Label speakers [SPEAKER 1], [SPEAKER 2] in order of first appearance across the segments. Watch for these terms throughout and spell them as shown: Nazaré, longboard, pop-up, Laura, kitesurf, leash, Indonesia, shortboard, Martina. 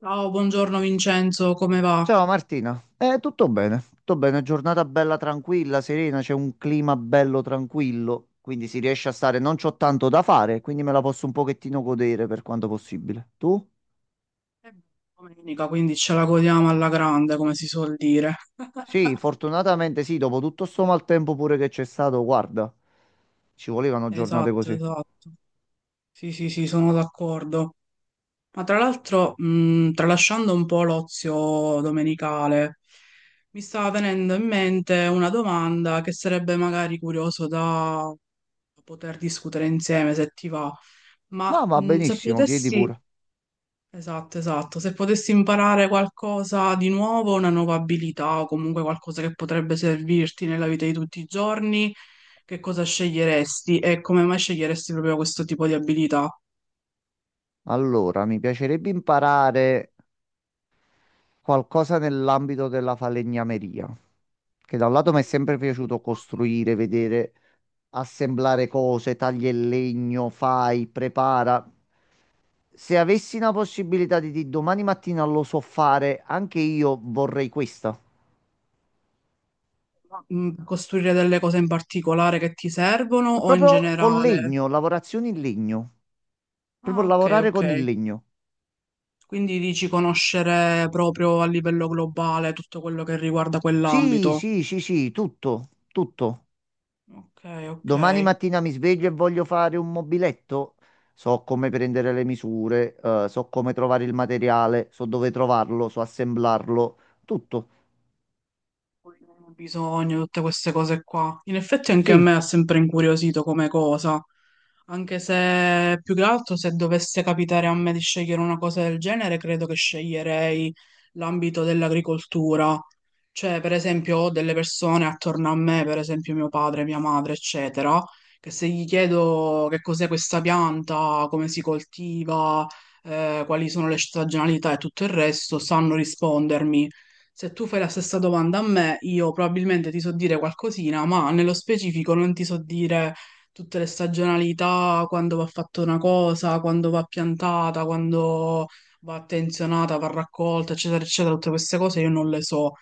[SPEAKER 1] Ciao, buongiorno Vincenzo, come va?
[SPEAKER 2] Ciao Martina, tutto bene, giornata bella tranquilla, serena, c'è un clima bello tranquillo, quindi si riesce a stare, non c'ho tanto da fare, quindi me la posso un pochettino godere per quanto possibile. Tu?
[SPEAKER 1] È domenica, quindi ce la godiamo alla grande, come si suol dire.
[SPEAKER 2] Sì, fortunatamente sì, dopo tutto sto maltempo pure che c'è stato, guarda, ci volevano giornate
[SPEAKER 1] Esatto,
[SPEAKER 2] così.
[SPEAKER 1] esatto. Sì, sì, sì, sono d'accordo. Ma tra l'altro, tralasciando un po' l'ozio domenicale, mi sta venendo in mente una domanda che sarebbe magari curioso da poter discutere insieme, se ti va.
[SPEAKER 2] Ah,
[SPEAKER 1] Ma
[SPEAKER 2] va
[SPEAKER 1] se
[SPEAKER 2] benissimo, chiedi
[SPEAKER 1] potessi,
[SPEAKER 2] pure.
[SPEAKER 1] Esatto, esatto. Se potessi imparare qualcosa di nuovo, una nuova abilità o comunque qualcosa che potrebbe servirti nella vita di tutti i giorni, che cosa sceglieresti e come mai sceglieresti proprio questo tipo di abilità?
[SPEAKER 2] Allora, mi piacerebbe imparare qualcosa nell'ambito della falegnameria, che da un lato mi è sempre piaciuto costruire, vedere, assemblare cose, tagli il legno, fai, prepara. Se avessi una possibilità di dire domani mattina lo so fare, anche io vorrei questa.
[SPEAKER 1] Costruire delle cose in particolare che ti servono o in
[SPEAKER 2] Proprio con
[SPEAKER 1] generale?
[SPEAKER 2] legno, lavorazioni in legno.
[SPEAKER 1] Ah,
[SPEAKER 2] Proprio
[SPEAKER 1] ok,
[SPEAKER 2] lavorare
[SPEAKER 1] ok.
[SPEAKER 2] con il legno.
[SPEAKER 1] Quindi dici conoscere proprio a livello globale tutto quello che riguarda
[SPEAKER 2] Sì,
[SPEAKER 1] quell'ambito.
[SPEAKER 2] sì, sì, sì, tutto, tutto.
[SPEAKER 1] Ok, ok.
[SPEAKER 2] Domani mattina mi sveglio e voglio fare un mobiletto. So come prendere le misure, so come trovare il materiale, so dove trovarlo, so assemblarlo, tutto.
[SPEAKER 1] Un bisogno, tutte queste cose qua. In effetti anche a
[SPEAKER 2] Sì,
[SPEAKER 1] me ha sempre incuriosito come cosa, anche se più che altro se dovesse capitare a me di scegliere una cosa del genere, credo che sceglierei l'ambito dell'agricoltura. Cioè, per esempio, ho delle persone attorno a me, per esempio mio padre, mia madre, eccetera, che se gli chiedo che cos'è questa pianta, come si coltiva, quali sono le stagionalità e tutto il resto, sanno rispondermi. Se tu fai la stessa domanda a me, io probabilmente ti so dire qualcosina, ma nello specifico non ti so dire tutte le stagionalità, quando va fatta una cosa, quando va piantata, quando va attenzionata, va raccolta, eccetera, eccetera, tutte queste cose io non le so.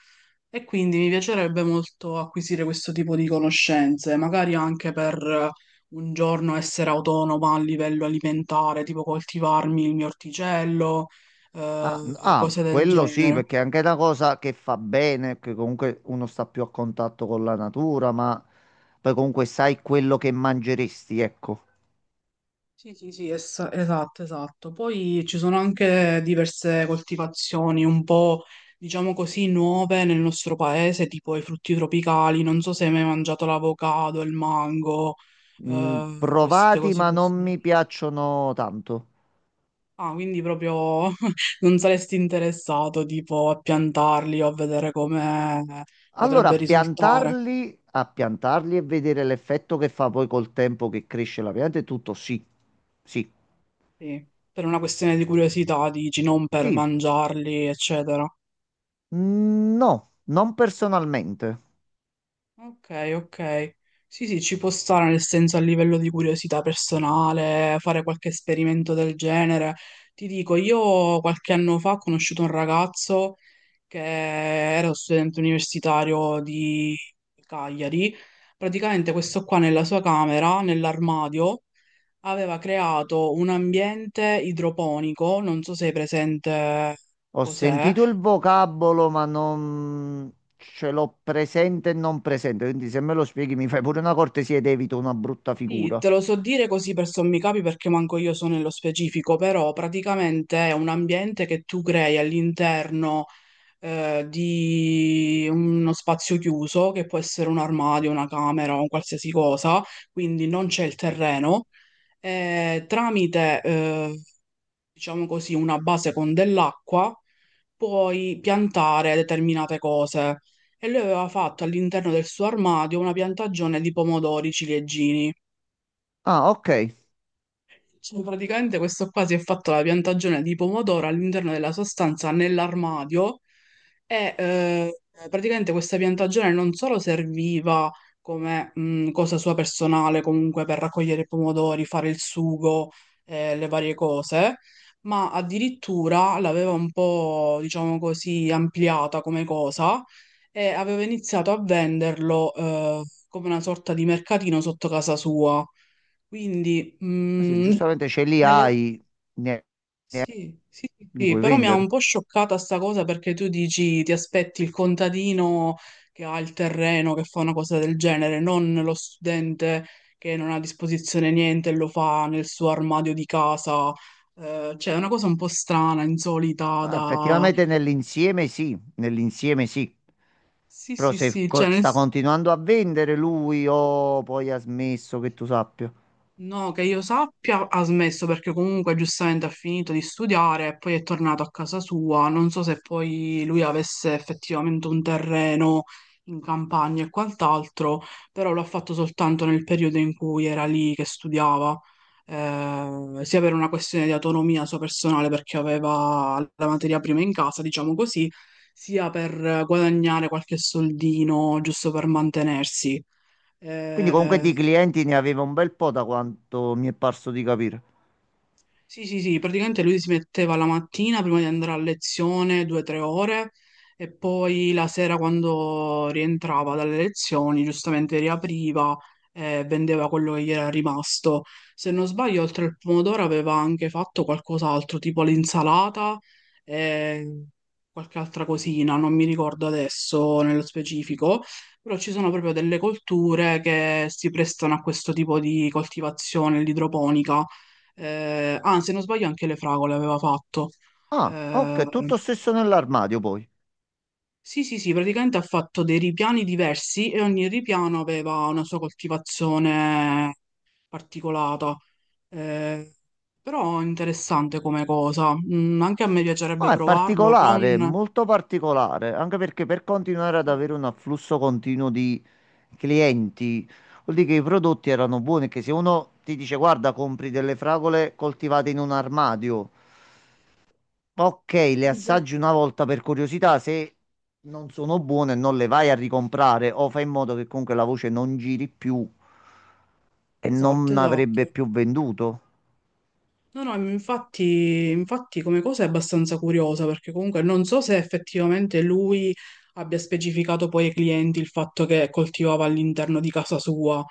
[SPEAKER 1] E quindi mi piacerebbe molto acquisire questo tipo di conoscenze, magari anche per un giorno essere autonoma a livello alimentare, tipo coltivarmi il mio orticello, cose del
[SPEAKER 2] quello sì,
[SPEAKER 1] genere.
[SPEAKER 2] perché è anche una cosa che fa bene, che comunque uno sta più a contatto con la natura, ma poi comunque sai quello che mangeresti, ecco.
[SPEAKER 1] Sì, sì, sì, esatto, esatto. Poi ci sono anche diverse coltivazioni un po', diciamo così, nuove nel nostro paese, tipo i frutti tropicali. Non so se hai mai mangiato l'avocado, il mango,
[SPEAKER 2] Mm,
[SPEAKER 1] Queste
[SPEAKER 2] provati,
[SPEAKER 1] cose
[SPEAKER 2] ma non
[SPEAKER 1] così.
[SPEAKER 2] mi piacciono tanto.
[SPEAKER 1] Ah, quindi proprio non saresti interessato, tipo, a piantarli o a vedere come
[SPEAKER 2] Allora,
[SPEAKER 1] potrebbe risultare.
[SPEAKER 2] a piantarli e vedere l'effetto che fa poi col tempo che cresce la pianta e tutto, sì, sì,
[SPEAKER 1] Sì, per una questione di curiosità, dici, non per
[SPEAKER 2] sì.
[SPEAKER 1] mangiarli, eccetera.
[SPEAKER 2] Mm, no, non personalmente.
[SPEAKER 1] Ok, ok. Sì, sì, ci può stare nel senso a livello di curiosità personale, fare qualche esperimento del genere. Ti dico, io qualche anno fa ho conosciuto un ragazzo che era studente universitario di Cagliari. Praticamente questo qua nella sua camera, nell'armadio, aveva creato un ambiente idroponico, non so se è presente
[SPEAKER 2] Ho
[SPEAKER 1] cos'è.
[SPEAKER 2] sentito il vocabolo, ma non ce l'ho presente e non presente, quindi se me lo spieghi mi fai pure una cortesia ed evito una brutta
[SPEAKER 1] Sì,
[SPEAKER 2] figura.
[SPEAKER 1] te lo so dire così per sommi capi perché manco io so nello specifico, però praticamente è un ambiente che tu crei all'interno di uno spazio chiuso, che può essere un armadio, una camera o un qualsiasi cosa, quindi non c'è il terreno, e tramite, diciamo così, una base con dell'acqua puoi piantare determinate cose. E lui aveva fatto all'interno del suo armadio una piantagione di pomodori ciliegini.
[SPEAKER 2] Ah, ok.
[SPEAKER 1] Cioè, praticamente questo qua si è fatto la piantagione di pomodoro all'interno della sua stanza nell'armadio e praticamente questa piantagione non solo serviva come cosa sua personale, comunque per raccogliere i pomodori, fare il sugo, le varie cose, ma addirittura l'aveva un po', diciamo così, ampliata come cosa e aveva iniziato a venderlo come una sorta di mercatino sotto casa sua. Quindi,
[SPEAKER 2] Se giustamente ce li
[SPEAKER 1] Nella-
[SPEAKER 2] hai, ne-
[SPEAKER 1] Sì, sì, sì,
[SPEAKER 2] li
[SPEAKER 1] sì,
[SPEAKER 2] puoi
[SPEAKER 1] però mi ha
[SPEAKER 2] vendere.
[SPEAKER 1] un po' scioccata sta cosa perché tu dici ti aspetti il contadino che ha il terreno, che fa una cosa del genere, non lo studente che non ha a disposizione niente e lo fa nel suo armadio di casa. Cioè, è una cosa un po' strana, insolita
[SPEAKER 2] Ah,
[SPEAKER 1] da...
[SPEAKER 2] effettivamente nell'insieme sì, nell'insieme sì.
[SPEAKER 1] Sì,
[SPEAKER 2] Però
[SPEAKER 1] sì,
[SPEAKER 2] se
[SPEAKER 1] sì,
[SPEAKER 2] co-
[SPEAKER 1] cioè,
[SPEAKER 2] sta continuando a vendere lui o poi ha smesso, che tu sappia?
[SPEAKER 1] no, che io sappia, ha smesso perché comunque giustamente ha finito di studiare e poi è tornato a casa sua. Non so se poi lui avesse effettivamente un terreno in campagna e quant'altro, però l'ha fatto soltanto nel periodo in cui era lì che studiava, sia per una questione di autonomia sua personale perché aveva la materia prima in casa, diciamo così, sia per guadagnare qualche soldino giusto per mantenersi.
[SPEAKER 2] Quindi comunque
[SPEAKER 1] Eh,
[SPEAKER 2] di clienti ne aveva un bel po', da quanto mi è parso di capire.
[SPEAKER 1] Sì, sì, sì, praticamente lui si metteva la mattina prima di andare a lezione 2 o 3 ore e poi la sera quando rientrava dalle lezioni giustamente riapriva e vendeva quello che gli era rimasto. Se non sbaglio, oltre al pomodoro aveva anche fatto qualcos'altro, tipo l'insalata e qualche altra cosina, non mi ricordo adesso nello specifico, però ci sono proprio delle colture che si prestano a questo tipo di coltivazione, l'idroponica se non sbaglio anche le fragole aveva fatto.
[SPEAKER 2] Ah, ok,
[SPEAKER 1] Eh,
[SPEAKER 2] tutto stesso nell'armadio poi.
[SPEAKER 1] sì, sì, sì, praticamente ha fatto dei ripiani diversi e ogni ripiano aveva una sua coltivazione particolata. Eh, Però interessante come cosa. Anche a me piacerebbe
[SPEAKER 2] Ah, è
[SPEAKER 1] provarlo,
[SPEAKER 2] particolare,
[SPEAKER 1] non...
[SPEAKER 2] molto particolare, anche perché per continuare ad avere
[SPEAKER 1] Sì,
[SPEAKER 2] un afflusso continuo di clienti, vuol dire che i prodotti erano buoni, che se uno ti dice guarda, compri delle fragole coltivate in un armadio. Ok, le
[SPEAKER 1] già.
[SPEAKER 2] assaggi una volta per curiosità, se non sono buone non le vai a ricomprare o fai in modo che comunque la voce non giri più e
[SPEAKER 1] Esatto,
[SPEAKER 2] non avrebbe
[SPEAKER 1] esatto.
[SPEAKER 2] più venduto.
[SPEAKER 1] No, no, infatti, infatti come cosa è abbastanza curiosa perché comunque non so se effettivamente lui abbia specificato poi ai clienti il fatto che coltivava all'interno di casa sua,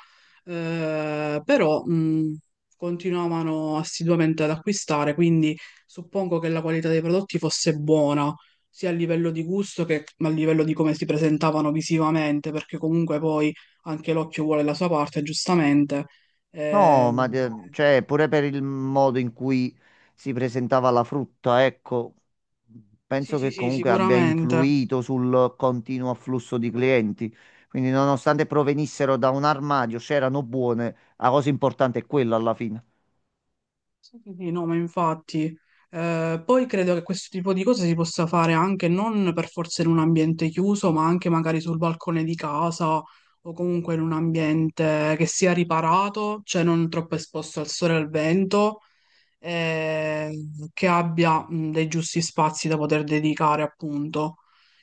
[SPEAKER 1] però continuavano assiduamente ad acquistare, quindi suppongo che la qualità dei prodotti fosse buona, sia a livello di gusto che a livello di come si presentavano visivamente, perché comunque poi anche l'occhio vuole la sua parte, giustamente.
[SPEAKER 2] No,
[SPEAKER 1] Eh,
[SPEAKER 2] ma de- cioè pure per il modo in cui si presentava la frutta, ecco, penso
[SPEAKER 1] Sì, sì,
[SPEAKER 2] che
[SPEAKER 1] sì,
[SPEAKER 2] comunque abbia
[SPEAKER 1] sicuramente.
[SPEAKER 2] influito sul continuo afflusso di clienti. Quindi nonostante provenissero da un armadio, c'erano buone, la cosa importante è quella alla fine.
[SPEAKER 1] Sì, sì, sì, no, ma infatti. Poi credo che questo tipo di cose si possa fare anche non per forza in un ambiente chiuso, ma anche magari sul balcone di casa o comunque in un ambiente che sia riparato, cioè non troppo esposto al sole e al vento, eh, che abbia dei giusti spazi da poter dedicare, appunto.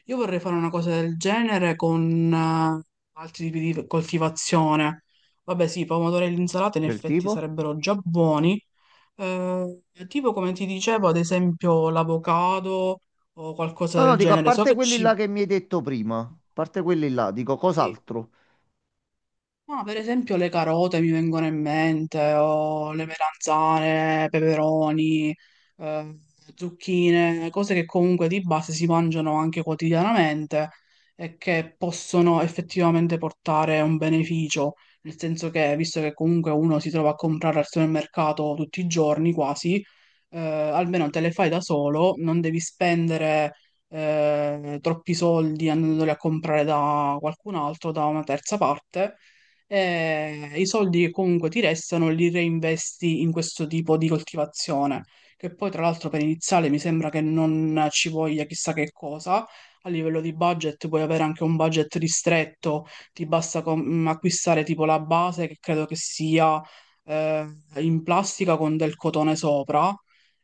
[SPEAKER 1] Io vorrei fare una cosa del genere con altri tipi di coltivazione. Vabbè, sì, i pomodori e l'insalata in
[SPEAKER 2] Del
[SPEAKER 1] effetti
[SPEAKER 2] tipo?
[SPEAKER 1] sarebbero già buoni. Eh, tipo come ti dicevo, ad esempio l'avocado o qualcosa
[SPEAKER 2] No, no,
[SPEAKER 1] del
[SPEAKER 2] dico, a
[SPEAKER 1] genere. So
[SPEAKER 2] parte
[SPEAKER 1] che
[SPEAKER 2] quelli
[SPEAKER 1] ci...
[SPEAKER 2] là che mi hai detto prima, a parte quelli là, dico
[SPEAKER 1] sì.
[SPEAKER 2] cos'altro?
[SPEAKER 1] Ma per esempio le carote mi vengono in mente, o le melanzane, peperoni, eh, zucchine, cose che comunque di base si mangiano anche quotidianamente e che possono effettivamente portare un beneficio, nel senso che visto che comunque uno si trova a comprare al supermercato tutti i giorni quasi, almeno te le fai da solo, non devi spendere troppi soldi andandoli a comprare da qualcun altro, da una terza parte e i soldi che comunque ti restano li reinvesti in questo tipo di coltivazione, che poi tra l'altro per iniziale mi sembra che non ci voglia chissà che cosa. A livello di budget puoi avere anche un budget ristretto, ti basta acquistare tipo la base che credo che sia eh, in plastica con del cotone sopra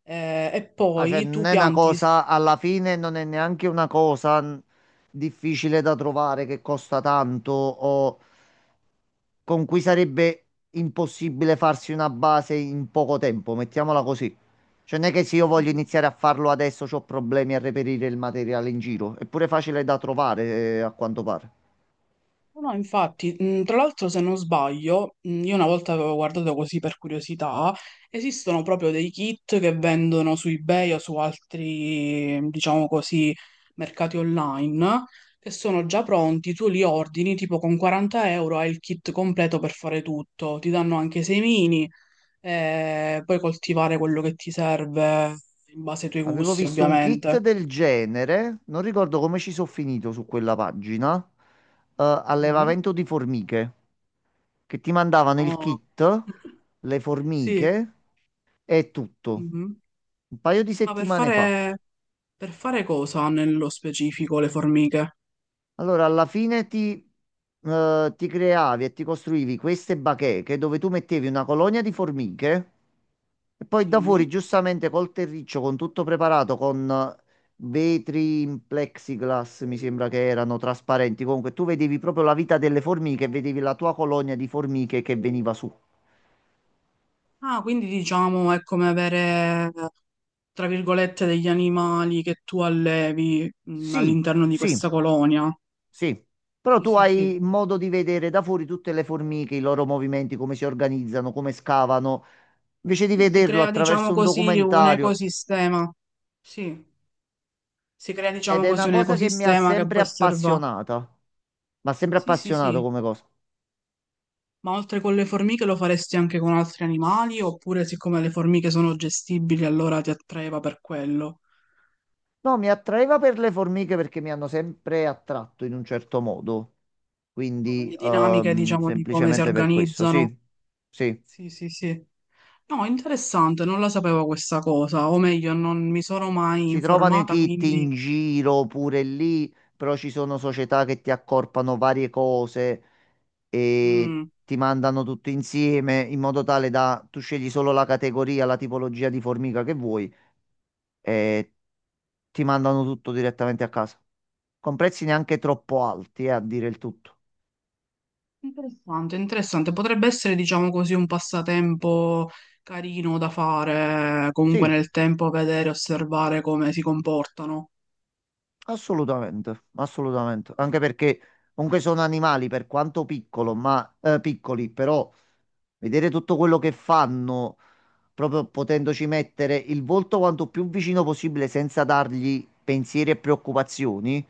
[SPEAKER 1] e
[SPEAKER 2] Ah, cioè,
[SPEAKER 1] poi
[SPEAKER 2] non
[SPEAKER 1] tu
[SPEAKER 2] è una
[SPEAKER 1] pianti.
[SPEAKER 2] cosa, alla fine non è neanche una cosa difficile da trovare che costa tanto o con cui sarebbe impossibile farsi una base in poco tempo, mettiamola così. Cioè, non è che se io voglio iniziare a farlo adesso ho problemi a reperire il materiale in giro, è pure facile da trovare, a quanto pare.
[SPEAKER 1] No, infatti, tra l'altro se non sbaglio, io una volta avevo guardato così per curiosità, esistono proprio dei kit che vendono su eBay o su altri, diciamo così, mercati online, che sono già pronti, tu li ordini, tipo con 40 euro hai il kit completo per fare tutto, ti danno anche i semini, e puoi coltivare quello che ti serve in base ai tuoi
[SPEAKER 2] Avevo
[SPEAKER 1] gusti,
[SPEAKER 2] visto un kit
[SPEAKER 1] ovviamente.
[SPEAKER 2] del genere, non ricordo come ci sono finito su quella pagina,
[SPEAKER 1] Mhm.
[SPEAKER 2] allevamento di formiche, che ti mandavano il
[SPEAKER 1] No.
[SPEAKER 2] kit, le
[SPEAKER 1] Sì,
[SPEAKER 2] formiche e tutto,
[SPEAKER 1] mhm.
[SPEAKER 2] un paio di
[SPEAKER 1] Ma per
[SPEAKER 2] settimane fa.
[SPEAKER 1] fare... Per fare cosa nello specifico le formiche?
[SPEAKER 2] Allora, ti creavi e ti costruivi queste bacheche dove tu mettevi una colonia di formiche. E poi da fuori,
[SPEAKER 1] Sì.
[SPEAKER 2] giustamente col terriccio, con tutto preparato, con vetri in plexiglass, mi sembra che erano trasparenti. Comunque, tu vedevi proprio la vita delle formiche, vedevi la tua colonia di formiche che veniva su.
[SPEAKER 1] Ah, quindi diciamo è come avere, tra virgolette, degli animali che tu allevi
[SPEAKER 2] Sì,
[SPEAKER 1] all'interno di
[SPEAKER 2] sì,
[SPEAKER 1] questa colonia.
[SPEAKER 2] sì. Però
[SPEAKER 1] Sì,
[SPEAKER 2] tu
[SPEAKER 1] sì, sì.
[SPEAKER 2] hai modo di vedere da fuori tutte le formiche, i loro movimenti, come si organizzano, come scavano, invece di
[SPEAKER 1] Sì, si
[SPEAKER 2] vederlo
[SPEAKER 1] crea, diciamo
[SPEAKER 2] attraverso un
[SPEAKER 1] così, un
[SPEAKER 2] documentario.
[SPEAKER 1] ecosistema. Sì, si crea,
[SPEAKER 2] Ed
[SPEAKER 1] diciamo
[SPEAKER 2] è una
[SPEAKER 1] così, un
[SPEAKER 2] cosa che mi ha
[SPEAKER 1] ecosistema che
[SPEAKER 2] sempre
[SPEAKER 1] può osservare.
[SPEAKER 2] appassionata. Mi ha sempre
[SPEAKER 1] Sì, sì,
[SPEAKER 2] appassionato
[SPEAKER 1] sì.
[SPEAKER 2] come cosa.
[SPEAKER 1] Ma oltre con le formiche lo faresti anche con altri animali? Oppure siccome le formiche sono gestibili, allora ti attraeva per quello?
[SPEAKER 2] No, mi attraeva per le formiche perché mi hanno sempre attratto in un certo modo, quindi
[SPEAKER 1] Le dinamiche, diciamo, di come si
[SPEAKER 2] semplicemente per questo,
[SPEAKER 1] organizzano.
[SPEAKER 2] sì, sì.
[SPEAKER 1] Sì, sì, sì. No, interessante, non la sapevo questa cosa, o meglio, non mi sono mai
[SPEAKER 2] Si trovano i
[SPEAKER 1] informata,
[SPEAKER 2] kit in
[SPEAKER 1] quindi...
[SPEAKER 2] giro pure lì, però ci sono società che ti accorpano varie cose e
[SPEAKER 1] mm,
[SPEAKER 2] ti mandano tutto insieme in modo tale da tu scegli solo la categoria, la tipologia di formica che vuoi e ti mandano tutto direttamente a casa, con prezzi neanche troppo alti, a dire il tutto.
[SPEAKER 1] interessante, interessante. Potrebbe essere, diciamo così, un passatempo carino da fare, comunque
[SPEAKER 2] Sì.
[SPEAKER 1] nel tempo vedere, osservare come si comportano.
[SPEAKER 2] Assolutamente, assolutamente. Anche perché comunque sono animali per quanto piccolo, ma, piccoli, però vedere tutto quello che fanno, proprio potendoci mettere il volto quanto più vicino possibile senza dargli pensieri e preoccupazioni,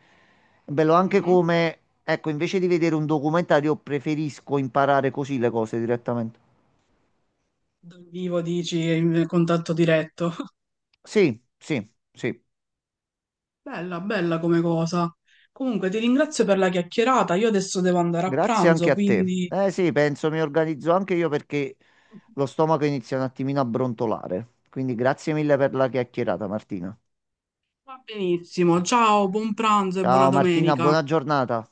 [SPEAKER 2] è bello anche
[SPEAKER 1] Mhm.
[SPEAKER 2] come, ecco, invece di vedere un documentario, preferisco imparare così le cose direttamente.
[SPEAKER 1] Dal vivo dici, in contatto diretto.
[SPEAKER 2] Sì, sì, sì.
[SPEAKER 1] Bella, bella come cosa. Comunque ti ringrazio per la chiacchierata, io adesso devo andare a
[SPEAKER 2] Grazie anche
[SPEAKER 1] pranzo,
[SPEAKER 2] a te.
[SPEAKER 1] quindi...
[SPEAKER 2] Eh sì, penso mi organizzo anche io perché lo stomaco inizia un attimino a brontolare. Quindi grazie mille per la chiacchierata, Martina.
[SPEAKER 1] Va benissimo, ciao, buon pranzo e buona
[SPEAKER 2] Ciao Martina,
[SPEAKER 1] domenica.
[SPEAKER 2] buona giornata.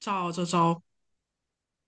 [SPEAKER 1] Ciao, ciao, ciao.